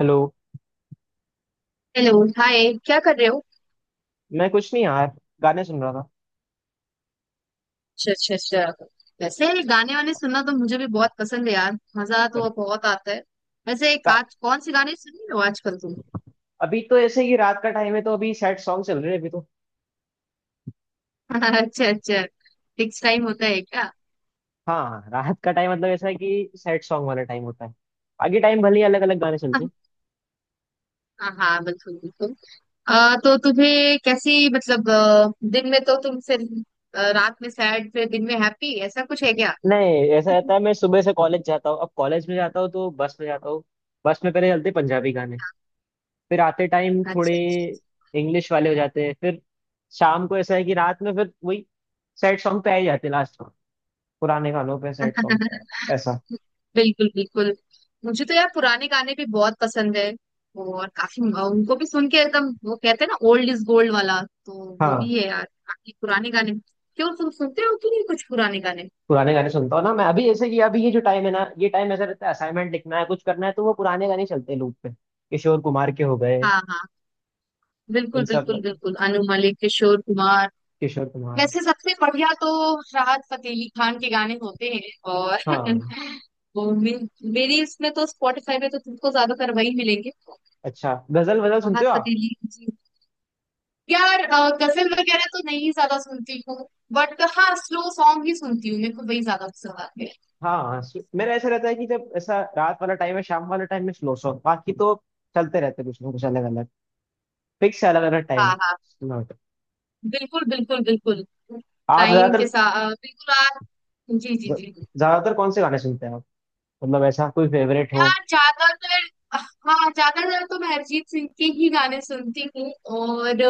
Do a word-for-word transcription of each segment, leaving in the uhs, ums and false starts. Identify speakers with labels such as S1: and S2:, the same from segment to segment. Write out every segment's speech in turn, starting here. S1: Hello.
S2: Hello. Hi, क्या कर रहे हो?
S1: मैं कुछ नहीं यार। गाने सुन रहा था।
S2: अच्छा अच्छा अच्छा। वैसे गाने वाने सुनना तो मुझे भी बहुत पसंद है यार। मजा तो बहुत आता है। वैसे एक
S1: का,
S2: आज कौन से गाने सुन रहे हो आजकल तुम?
S1: अभी तो ऐसे ही रात का टाइम है तो अभी सैड सॉन्ग चल रहे हैं अभी तो।
S2: अच्छा अच्छा। फिक्स टाइम होता है क्या?
S1: हाँ हाँ, रात का टाइम मतलब ऐसा है कि सैड सॉन्ग वाला टाइम होता है। आगे टाइम भले ही अलग अलग गाने चलते हैं।
S2: हाँ हाँ, बिल्कुल बिल्कुल। अ, तो तुम्हें कैसी मतलब अ, दिन में तो तुम फिर अ, रात में सैड, फिर दिन में हैप्पी, ऐसा कुछ है क्या?
S1: नहीं ऐसा रहता है मैं सुबह से कॉलेज जाता हूँ अब कॉलेज में जाता हूँ तो बस में जाता हूँ। बस में पहले चलते हैं पंजाबी गाने। फिर आते टाइम थोड़े
S2: अच्छा अच्छा
S1: इंग्लिश वाले हो जाते हैं फिर। शाम को ऐसा है कि रात में फिर वही सैड सॉन्ग पे आ ही जाते हैं लास्ट में। पुराने गानों पे सैड
S2: अच्छा।
S1: सॉन्ग पे ऐसा।
S2: बिल्कुल बिल्कुल। मुझे तो यार पुराने गाने भी बहुत पसंद है, और काफी उनको भी सुन के एकदम, वो कहते हैं ना, ओल्ड इज गोल्ड वाला, तो वो
S1: हाँ
S2: भी है यार काफी पुराने गाने। क्यों, तुम सुनते हो कि नहीं कुछ पुराने गाने?
S1: पुराने गाने सुनता हूँ ना मैं अभी जैसे कि अभी ये जो टाइम है ना ये टाइम ऐसा रहता है असाइनमेंट लिखना है कुछ करना है तो वो पुराने गाने चलते हैं लूप पे किशोर कुमार के हो गए।
S2: हाँ हाँ,
S1: इन
S2: बिल्कुल
S1: सब
S2: बिल्कुल बिल्कुल। अनु मलिक, किशोर कुमार।
S1: किशोर कुमार।
S2: वैसे सबसे बढ़िया तो राहत फतेह अली खान के गाने होते हैं। और
S1: हाँ।
S2: वो मे, मेरी इसमें तो, स्पॉटिफाई में तो तुमको ज्यादातर वही मिलेंगे,
S1: अच्छा गजल वजल सुनते
S2: राहत
S1: हो आप?
S2: फतेह अली जी। यार, अ, गजल वगैरह तो नहीं ज्यादा सुनती हूँ, बट हाँ, स्लो सॉन्ग ही सुनती हूँ, मेरे को वही ज्यादा पसंद आते हैं।
S1: हाँ हाँ, सु- मेरा ऐसा रहता है कि जब ऐसा रात वाला टाइम है शाम वाला टाइम में स्लो सॉन्ग बाकी तो चलते रहते हैं कुछ ना कुछ अलग अलग। फिक्स है अलग अलग
S2: हाँ
S1: टाइम।
S2: हाँ, बिल्कुल बिल्कुल बिल्कुल।
S1: आप
S2: टाइम के
S1: ज्यादातर।
S2: साथ बिल्कुल आप। जी जी
S1: ज-
S2: जी।
S1: ज्यादातर कौन से गाने सुनते हैं आप? मतलब ऐसा कोई फेवरेट हो?
S2: यार ज्यादातर, हाँ, ज्यादातर तो मैं अरिजीत सिंह के ही गाने सुनती हूँ। और अ,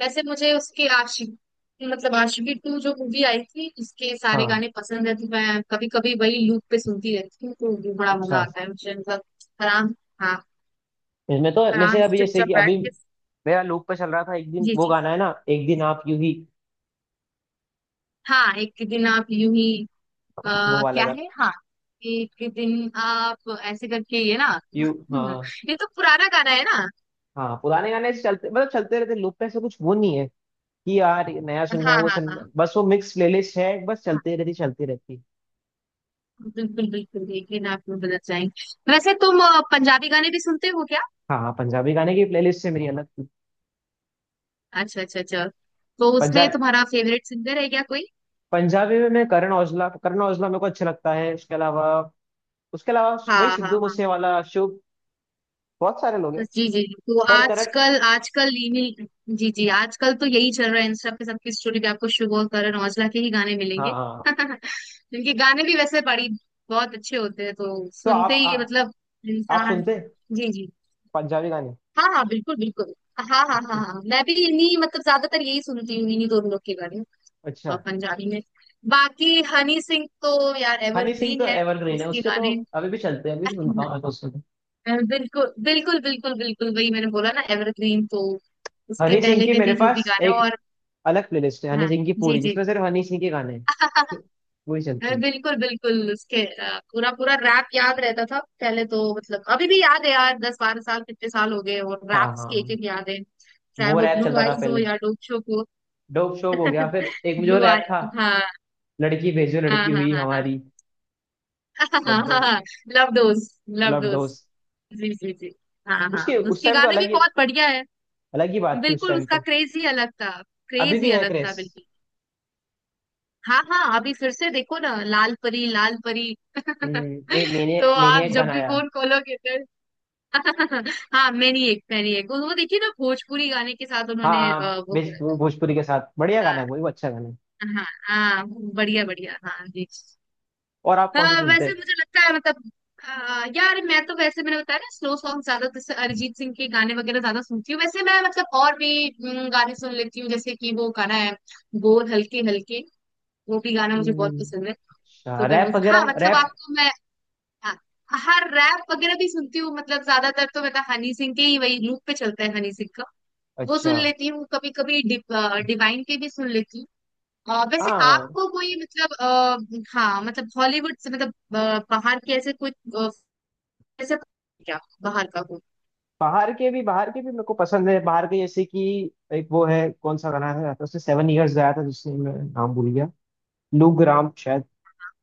S2: वैसे मुझे उसके आशिक, मतलब आशिकी टू जो मूवी आई थी उसके सारे
S1: हाँ।
S2: गाने पसंद है, तो मैं कभी कभी वही लूप पे सुनती रहती हूँ, तो भी बड़ा मजा
S1: अच्छा।
S2: आता है मुझे मतलब। आराम, हाँ,
S1: इसमें तो जैसे
S2: आराम से
S1: अभी जैसे
S2: चुपचाप
S1: कि
S2: बैठ
S1: अभी
S2: के।
S1: मेरा लूप पे चल रहा था एक दिन
S2: जी
S1: वो
S2: जी।
S1: गाना है ना एक दिन आप यू ही।
S2: हाँ, एक दिन आप यूं ही।
S1: वो
S2: आ,
S1: वाला
S2: क्या है,
S1: गाना।
S2: हाँ, एक दिन आप ऐसे करके ये ना।
S1: यू हाँ।
S2: ये तो पुराना गाना है ना।
S1: हाँ पुराने गाने ऐसे चलते मतलब चलते रहते लूप पे ऐसा कुछ वो नहीं है कि यार ये नया सुनना है
S2: हाँ
S1: वो
S2: हाँ हाँ
S1: सुनना है। बस वो मिक्स प्लेलिस्ट है बस
S2: हाँ,
S1: चलते रहती चलती रहती।
S2: बिल्कुल बिल्कुल। एक दिन आप यूं बदल जाएंगे। वैसे तुम अ, पंजाबी गाने भी सुनते हो क्या?
S1: हाँ हाँ पंजाबी गाने की प्लेलिस्ट से मेरी अलग थी।
S2: अच्छा अच्छा अच्छा। तो उसमें
S1: पंजाब
S2: तुम्हारा फेवरेट सिंगर है क्या कोई?
S1: पंजाबी में मैं करण औजला करण औजला मेरे को अच्छा लगता है उसके अलावा। उसके अलावा
S2: हाँ
S1: वही
S2: हाँ
S1: सिद्धू
S2: हाँ।
S1: मूसेवाला शुभ बहुत सारे लोग हैं।
S2: जी जी, तो
S1: पर करण।
S2: आजकल आजकल रीमिल, जी जी, आजकल तो यही चल रहा है, इंस्टा पे सबकी स्टोरी पे आपको शुभ और करण औजला के ही गाने
S1: हाँ
S2: मिलेंगे।
S1: हाँ।
S2: इनके गाने भी वैसे बड़ी बहुत अच्छे होते हैं, तो
S1: तो
S2: सुनते
S1: आप
S2: ही मतलब
S1: आ, आप
S2: इंसान।
S1: सुनते हैं
S2: जी जी।
S1: पंजाबी गाने?
S2: हाँ हाँ, बिल्कुल बिल्कुल। हाँ हाँ हाँ
S1: अच्छा
S2: हाँ, मैं भी इन्हीं मतलब ज्यादातर यही सुनती हूँ, इन्हीं दोनों लोग के गाने।
S1: अच्छा।
S2: अ, पंजाबी में बाकी हनी सिंह तो यार
S1: हनी सिंह तो
S2: एवरग्रीन है,
S1: एवरग्रीन है
S2: उसके
S1: उसके तो
S2: गाने।
S1: अभी भी चलते हैं अभी भी सुनता हूँ मैं तो। हाँ उसके तो।
S2: अ, बिल्कुल बिल्कुल बिल्कुल बिल्कुल, वही मैंने बोला ना एवरग्रीन, तो उसके
S1: हनी सिंह
S2: पहले
S1: की
S2: के
S1: मेरे
S2: भी जो भी
S1: पास
S2: गाने।
S1: एक
S2: और
S1: अलग प्लेलिस्ट है हनी
S2: हाँ,
S1: सिंह की
S2: जी
S1: पूरी
S2: जी।
S1: जिसमें सिर्फ हनी सिंह के गाने हैं। वही चलती
S2: अ,
S1: है।
S2: बिल्कुल बिल्कुल। उसके अ, पूरा पूरा रैप याद रहता था पहले तो, मतलब अभी भी याद है यार, दस बारह साल, कितने साल हो गए, और
S1: हाँ हाँ
S2: रैप्स के एक
S1: हाँ।
S2: एक याद है, चाहे
S1: वो
S2: वो
S1: रैप
S2: ब्लू
S1: चलता था
S2: आईज हो
S1: पहले।
S2: या डोप शो हो।
S1: डोप शोप हो गया फिर एक जो
S2: ब्लू
S1: रैप
S2: आई,
S1: था।
S2: हाँ
S1: लड़की भेजो
S2: हाँ
S1: लड़की हुई
S2: हाँ
S1: हमारी।
S2: हाँ
S1: लव
S2: हाँ।
S1: Dose
S2: love dose, love
S1: love
S2: dose.
S1: Dose.
S2: जी जी जी। हाँ हाँ,
S1: उसके उस
S2: उसके
S1: टाइम तो
S2: गाने
S1: अलग
S2: भी
S1: ही
S2: बहुत बढ़िया है।
S1: अलग ही बात थी उस
S2: बिल्कुल,
S1: टाइम
S2: उसका
S1: तो।
S2: क्रेज ही अलग था,
S1: अभी
S2: क्रेज
S1: भी
S2: ही
S1: है
S2: अलग था
S1: क्रेज।
S2: बिल्कुल। हाँ हाँ, अभी फिर से देखो ना, लाल परी लाल परी।
S1: हम्म मैंने
S2: तो
S1: मैंने
S2: आप
S1: एक
S2: जब
S1: गाना
S2: भी
S1: आया।
S2: फोन खोलोगे तो। हाँ मैनी एक मैनी एक वो वो देखिए ना, भोजपुरी गाने के साथ
S1: हाँ
S2: उन्होंने
S1: हाँ
S2: अ, वो
S1: भेज-
S2: करा था।
S1: भोजपुरी के साथ बढ़िया गाना
S2: हाँ
S1: है वो वो अच्छा गाना है।
S2: हाँ हाँ, बढ़िया बढ़िया, हाँ जी।
S1: और आप कौन से
S2: हाँ,
S1: सुनते
S2: वैसे
S1: हैं?
S2: मुझे लगता है मतलब आ, यार मैं तो वैसे, मैंने बताया ना स्लो सॉन्ग ज्यादा, जैसे अरिजीत सिंह के गाने वगैरह ज्यादा सुनती हूँ, वैसे मैं मतलब और भी हम्म, गाने सुन लेती हूँ, जैसे कि वो गाना है बोल हल्के हल्के, वो भी गाना मुझे बहुत
S1: हम्म,
S2: पसंद है।
S1: अच्छा
S2: तो मैं
S1: रैप
S2: उस- हाँ
S1: वगैरह
S2: मतलब
S1: रैप।
S2: आपको मैं, हाँ, हर रैप वगैरह भी सुनती हूँ, मतलब ज्यादातर तो मतलब हनी सिंह के ही, वही लूप पे चलता है हनी सिंह का, वो
S1: अच्छा।
S2: सुन लेती हूँ। कभी कभी डि, डिवाइन के भी सुन लेती हूँ। अ, वैसे
S1: हाँ
S2: आपको कोई मतलब आ, हाँ, मतलब हॉलीवुड से मतलब अ, बाहर के ऐसे कोई अ, ऐसा, क्या बाहर का कोई?
S1: बाहर के भी बाहर के भी मेरे को पसंद है बाहर के जैसे कि एक वो है कौन सा गाना है तो उससे सेवन इयर्स आया था जिससे मैं नाम भूल गया। लू ग्राम शायद।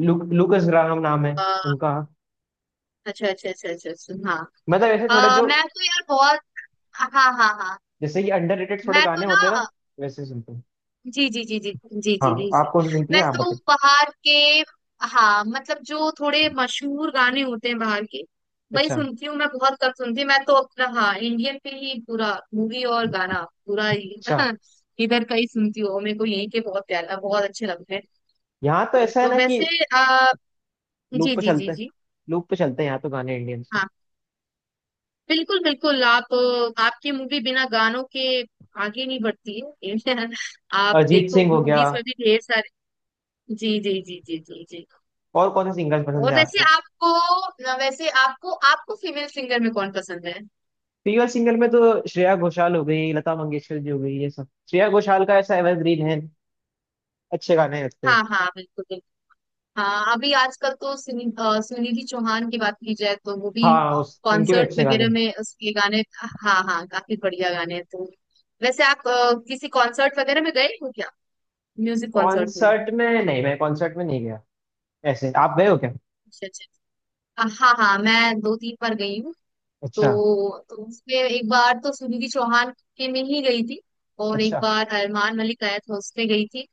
S1: लू लूकस ग्राम नाम है
S2: अ,
S1: उनका।
S2: अच्छा अच्छा अच्छा अच्छा अच्छा। हाँ,
S1: मतलब ऐसे
S2: अ,
S1: थोड़े जो
S2: मैं तो यार बहुत, हाँ हाँ हाँ हाँ।
S1: जैसे कि अंडररेटेड थोड़े
S2: मैं तो
S1: गाने होते हैं ना
S2: ना,
S1: वैसे सुनते हैं।
S2: जी जी जी जी जी
S1: हाँ
S2: जी जी
S1: आप
S2: जी।
S1: कौन से सुनती हैं
S2: मैं
S1: आप
S2: तो
S1: बताइए?
S2: बाहर के, हाँ, मतलब जो थोड़े मशहूर गाने होते हैं बाहर के, वही
S1: अच्छा
S2: सुनती हूँ। मैं बहुत कम सुनती हूँ, मैं तो अपना, हाँ, इंडियन पे ही पूरा मूवी और गाना, पूरा ही।
S1: अच्छा।
S2: इधर का ही सुनती हूँ, और मेरे को यही के बहुत प्यारा बहुत अच्छे लगते हैं।
S1: यहाँ तो
S2: तो,
S1: ऐसा है
S2: तो
S1: ना कि
S2: वैसे आ,
S1: लूप
S2: जी
S1: पे
S2: जी
S1: चलते
S2: जी
S1: हैं
S2: जी।
S1: लूप पे चलते हैं यहाँ तो गाने इंडियंस के।
S2: हाँ, बिल्कुल बिल्कुल। आप, आपकी मूवी बिना गानों के आगे नहीं बढ़ती है। आप
S1: अरिजीत
S2: देखो,
S1: सिंह हो गया
S2: मूवीज में भी ढेर सारे। जी जी जी जी जी जी।
S1: और कौन से सिंगर्स पसंद
S2: और
S1: है
S2: वैसे
S1: आपको?
S2: आपको, वैसे आपको, आपको फीमेल सिंगर में कौन पसंद है?
S1: फीमेल सिंगर में तो श्रेया घोषाल हो गई लता मंगेशकर जी हो गई ये सब श्रेया घोषाल का ऐसा एवरग्रीन है। अच्छे गाने लगते हैं।
S2: हाँ हाँ, बिल्कुल बिल्कुल। हाँ, अभी आजकल तो सुनि, अ, सुनिधि चौहान की बात की जाए तो वो भी,
S1: हाँ उस, उनके भी
S2: कॉन्सर्ट
S1: अच्छे
S2: वगैरह
S1: गाने।
S2: में उसके गाने, हाँ हाँ, काफी बढ़िया गाने हैं। तो वैसे आप अ, किसी कॉन्सर्ट वगैरह में गए हो क्या, म्यूजिक कॉन्सर्ट में?
S1: कॉन्सर्ट में नहीं मैं कॉन्सर्ट में नहीं गया। ऐसे आप गए हो क्या?
S2: अच्छा अच्छा। अ, हाँ हाँ, मैं दो तीन बार गई हूँ।
S1: अच्छा
S2: तो, तो उसमें एक बार तो सुनिधि चौहान के में ही गई थी, और एक
S1: अच्छा
S2: बार अरमान मलिक आया था उसमें गई थी,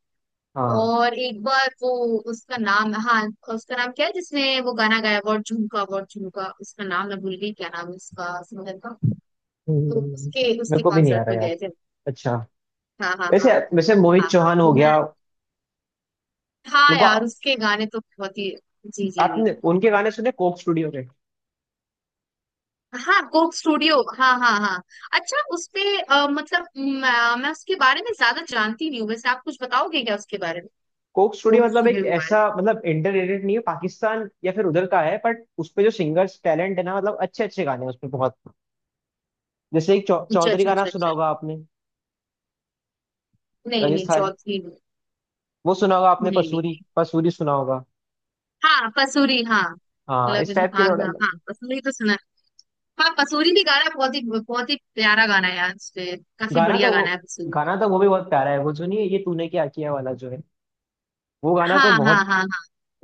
S1: हाँ।
S2: और एक बार वो, उसका नाम, हाँ, उसका नाम क्या है जिसने वो गाना गाया, वो झुमका, वो झुमका, उसका नाम मैं भूल गई, क्या नाम है उसका सिंगर का? तो
S1: हम्म,
S2: उसके, उसके
S1: मेरे को भी नहीं आ
S2: कॉन्सर्ट
S1: रहा
S2: में
S1: यार।
S2: गए थे।
S1: अच्छा।
S2: हाँ हाँ हाँ
S1: वैसे वैसे
S2: हाँ
S1: मोहित
S2: हाँ।
S1: चौहान हो
S2: तो मैं,
S1: गया।
S2: हाँ
S1: मेरे को।
S2: यार उसके गाने तो बहुत ही। जी जी जी।
S1: आपने उनके गाने सुने कोक स्टूडियो के?
S2: हाँ, कोक स्टूडियो, हाँ हाँ हाँ। अच्छा, उसपे अ, मतलब मैं, मैं उसके बारे में ज्यादा जानती नहीं हूँ, वैसे आप कुछ बताओगे क्या उसके बारे में,
S1: कोक स्टूडियो
S2: कोक
S1: मतलब एक
S2: स्टूडियो के बारे
S1: ऐसा मतलब इंटररेटेड नहीं है पाकिस्तान या फिर उधर का है बट उसपे जो सिंगर्स टैलेंट है ना मतलब अच्छे अच्छे गाने हैं उसपे बहुत। जैसे एक चौ,
S2: में? अच्छा
S1: चौधरी
S2: अच्छा
S1: का नाम
S2: अच्छा
S1: सुना
S2: अच्छा।
S1: होगा आपने।
S2: नहीं नहीं,
S1: राजस्थान।
S2: चौथी
S1: वो सुना होगा आपने
S2: नहीं नहीं।
S1: पसूरी पसूरी सुना होगा?
S2: हाँ, पसूरी, हाँ,
S1: हाँ इस
S2: लगन
S1: टाइप के
S2: आग,
S1: थोड़ा।
S2: हाँ हाँ, हाँ, पसूरी तो सुना है। हाँ, पसूरी भी गाना बहुत ही बहुत ही प्यारा गाना है यार, उसपे काफी
S1: गाना
S2: बढ़िया
S1: तो वो
S2: गाना है पसूरी।
S1: गाना तो वो भी बहुत प्यारा है वो जो नहीं है ये तूने क्या किया वाला जो है। वो गाना तो
S2: हाँ हाँ
S1: बहुत
S2: हाँ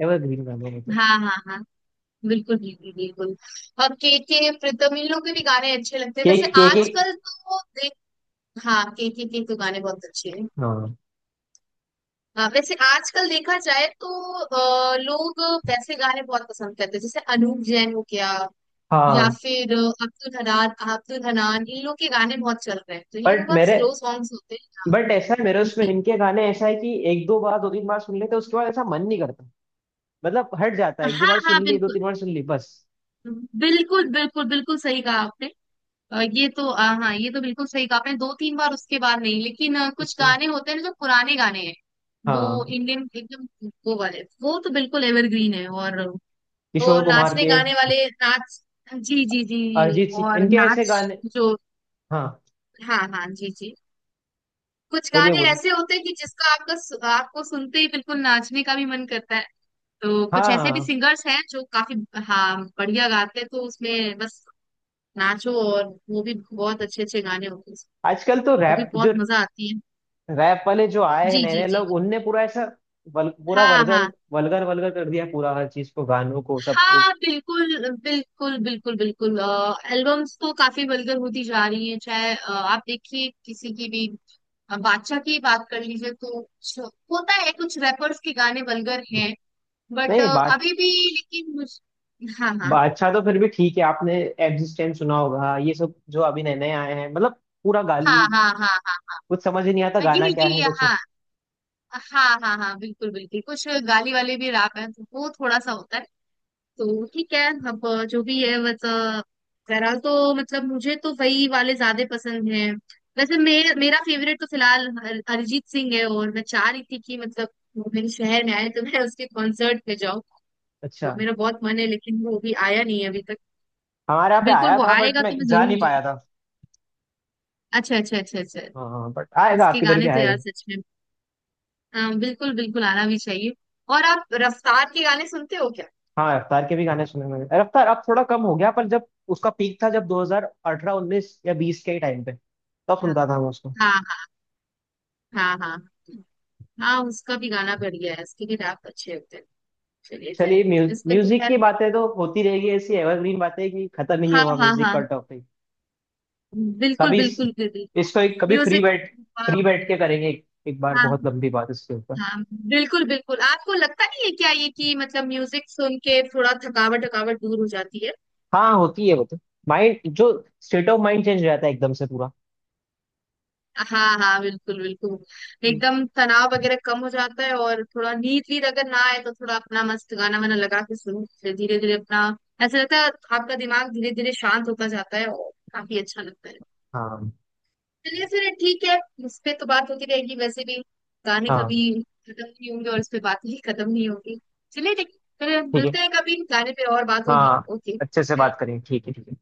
S1: एवरग्रीन गाना है तो।
S2: हाँ हाँ हाँ हाँ, बिल्कुल बिल्कुल बिल्कुल। और के के प्रीतम, इन लोग के भी गाने अच्छे लगते हैं।
S1: केक
S2: वैसे
S1: केक एक।
S2: आजकल तो देख, हाँ, के के के तो गाने बहुत अच्छे हैं।
S1: हाँ
S2: हाँ, वैसे आजकल देखा जाए तो अ, लोग वैसे गाने बहुत पसंद करते हैं, जैसे अनूप जैन हो गया, या
S1: हाँ।
S2: फिर अ, अब्दुल हनान, अब्दुल हनान, इन लोग के गाने बहुत चल रहे हैं, तो इन लोग के
S1: बट
S2: बहुत
S1: मेरे
S2: स्लो सॉन्ग्स होते
S1: बट ऐसा है मेरे
S2: हैं
S1: उसमें
S2: जी।
S1: इनके गाने ऐसा है कि एक दो बार दो तीन बार सुन लेते हैं, उसके बाद ऐसा मन नहीं करता। मतलब हट जाता है एक दो
S2: हाँ
S1: बार
S2: हाँ,
S1: सुन ली दो
S2: बिल्कुल
S1: तीन बार सुन ली बस।
S2: बिल्कुल बिल्कुल बिल्कुल, सही कहा आपने। अ, ये तो अ, हाँ ये तो बिल्कुल सही कहा आपने, दो तीन बार उसके बाद नहीं, लेकिन अ, कुछ
S1: उसके।
S2: गाने होते हैं ना जो पुराने गाने हैं, वो
S1: हाँ।
S2: इंडियन एकदम, वो वाले वो तो बिल्कुल एवरग्रीन है। और वो
S1: किशोर कुमार
S2: नाचने
S1: के
S2: गाने वाले नाच, जी जी जी,
S1: अरिजीत सिंह
S2: और
S1: इनके ऐसे
S2: नाच
S1: गाने।
S2: जो,
S1: हाँ।
S2: हाँ हाँ जी जी, कुछ
S1: बोलिए
S2: गाने
S1: बोलिए।
S2: ऐसे होते हैं कि जिसका आपका सु- आपको सुनते ही बिल्कुल नाचने का भी मन करता है। तो
S1: हाँ
S2: कुछ
S1: हाँ
S2: ऐसे भी
S1: हाँ।
S2: सिंगर्स हैं जो काफी, हाँ बढ़िया गाते हैं, तो उसमें बस नाचो, और वो भी बहुत अच्छे अच्छे गाने होते हैं,
S1: आजकल तो
S2: वो भी
S1: रैप
S2: बहुत
S1: जो
S2: मजा आती है।
S1: रैप वाले जो आए हैं
S2: जी
S1: नए
S2: जी
S1: नए
S2: जी।
S1: लोग उनने पूरा ऐसा वल, पूरा
S2: हाँ
S1: वर्गल
S2: हाँ
S1: वल्गर वल्गर कर दिया पूरा हर चीज को गानों को सबको।
S2: हाँ, बिल्कुल बिल्कुल बिल्कुल बिल्कुल। एल्बम्स तो काफी वल्गर होती जा रही है, चाहे अ, आप देखिए किसी की भी, अ, बादशाह की बात कर लीजिए तो कुछ होता है, कुछ रैपर्स के गाने वल्गर हैं, बट
S1: नहीं बात
S2: अभी भी, लेकिन मुझ, हाँ हाँ
S1: बा- अच्छा तो फिर भी ठीक है आपने एग्जिस्टेंस सुना होगा ये सब जो अभी नए नए आए हैं मतलब पूरा गाली
S2: हाँ हाँ हाँ हाँ।
S1: कुछ समझ ही नहीं आता
S2: पर
S1: गाना
S2: ये
S1: क्या
S2: ये
S1: है
S2: ये-
S1: कुछ।
S2: हाँ हाँ हाँ हाँ, बिल्कुल बिल्कुल, कुछ गाली वाले भी रैप हैं, तो वो थोड़ा सा होता है। तो ठीक है अब, जो भी है मतलब, बहरहाल तो मतलब मुझे तो वही वाले ज्यादा पसंद हैं। वैसे मेरे, मेरा फेवरेट तो फिलहाल अर- अरिजीत सिंह है, और मैं चाह रही थी कि मतलब वो मेरे शहर में आए तो मैं उसके कॉन्सर्ट पे जाऊँ, तो
S1: अच्छा।
S2: मेरा बहुत मन है, लेकिन वो अभी आया नहीं है अभी तक।
S1: हमारे यहाँ पे
S2: बिल्कुल
S1: आया
S2: वो
S1: था बट
S2: आएगा
S1: मैं
S2: तो मैं
S1: जा
S2: जरूर
S1: नहीं पाया
S2: जाऊँ।
S1: था।
S2: अच्छा अच्छा अच्छा अच्छा।
S1: हाँ हाँ, हाँ, बट आएगा
S2: उसके
S1: आपकी इधर भी
S2: गाने तो
S1: आएगा।
S2: यार सच में, हाँ, बिल्कुल बिल्कुल, आना भी चाहिए। और आप रफ्तार के गाने सुनते हो क्या?
S1: हाँ रफ्तार के भी गाने सुने मैंने रफ्तार अब थोड़ा कम हो गया पर जब उसका पीक था जब दो हज़ार अठारह उन्नीस या बीस के टाइम पे तब
S2: हाँ
S1: सुनता था मैं उसको।
S2: हाँ हाँ हाँ हाँ हाँ, हाँ, उसका भी गाना बढ़िया है, उसके भी रैप अच्छे होते हैं। चलिए
S1: चलिए
S2: फिर,
S1: म्यूज,
S2: इस पे तो
S1: म्यूजिक
S2: खैर,
S1: की बातें तो होती रहेगी ऐसी एवरग्रीन बातें कि खत्म ही नहीं
S2: हाँ
S1: हुआ
S2: हाँ
S1: म्यूजिक
S2: हाँ,
S1: का टॉपिक।
S2: बिल्कुल
S1: कभी इस,
S2: बिल्कुल बिल्कुल,
S1: इसको एक कभी फ्री
S2: म्यूजिक,
S1: बैठ
S2: हाँ,
S1: फ्री बैठ के करेंगे एक, एक बार
S2: हाँ
S1: बहुत लंबी बात इसके ऊपर।
S2: हाँ, बिल्कुल बिल्कुल। आपको लगता नहीं है क्या ये कि मतलब म्यूजिक सुन के थोड़ा थकावट, थकावट दूर हो जाती है?
S1: हाँ होती है वो तो माइंड जो स्टेट ऑफ माइंड चेंज हो जाता है एकदम से पूरा।
S2: हाँ हाँ, बिल्कुल बिल्कुल, एकदम तनाव वगैरह कम हो जाता है, और थोड़ा नींद वींद अगर ना आए तो थोड़ा अपना मस्त गाना वाना लगा के सुनो, फिर धीरे धीरे अपना, ऐसा लगता है आपका दिमाग धीरे धीरे शांत होता जाता है, और काफी अच्छा लगता है।
S1: हाँ
S2: चलिए फिर ठीक है, इस पे तो बात होती रहेगी वैसे भी, गाने
S1: हाँ।
S2: कभी खत्म नहीं होंगे और इस पे बात ही खत्म नहीं होगी। चलिए ठीक, फिर
S1: ठीक है।
S2: मिलते हैं, कभी गाने पे और बात होगी,
S1: हाँ।
S2: ओके।
S1: अच्छे से बात करेंगे ठीक है ठीक है।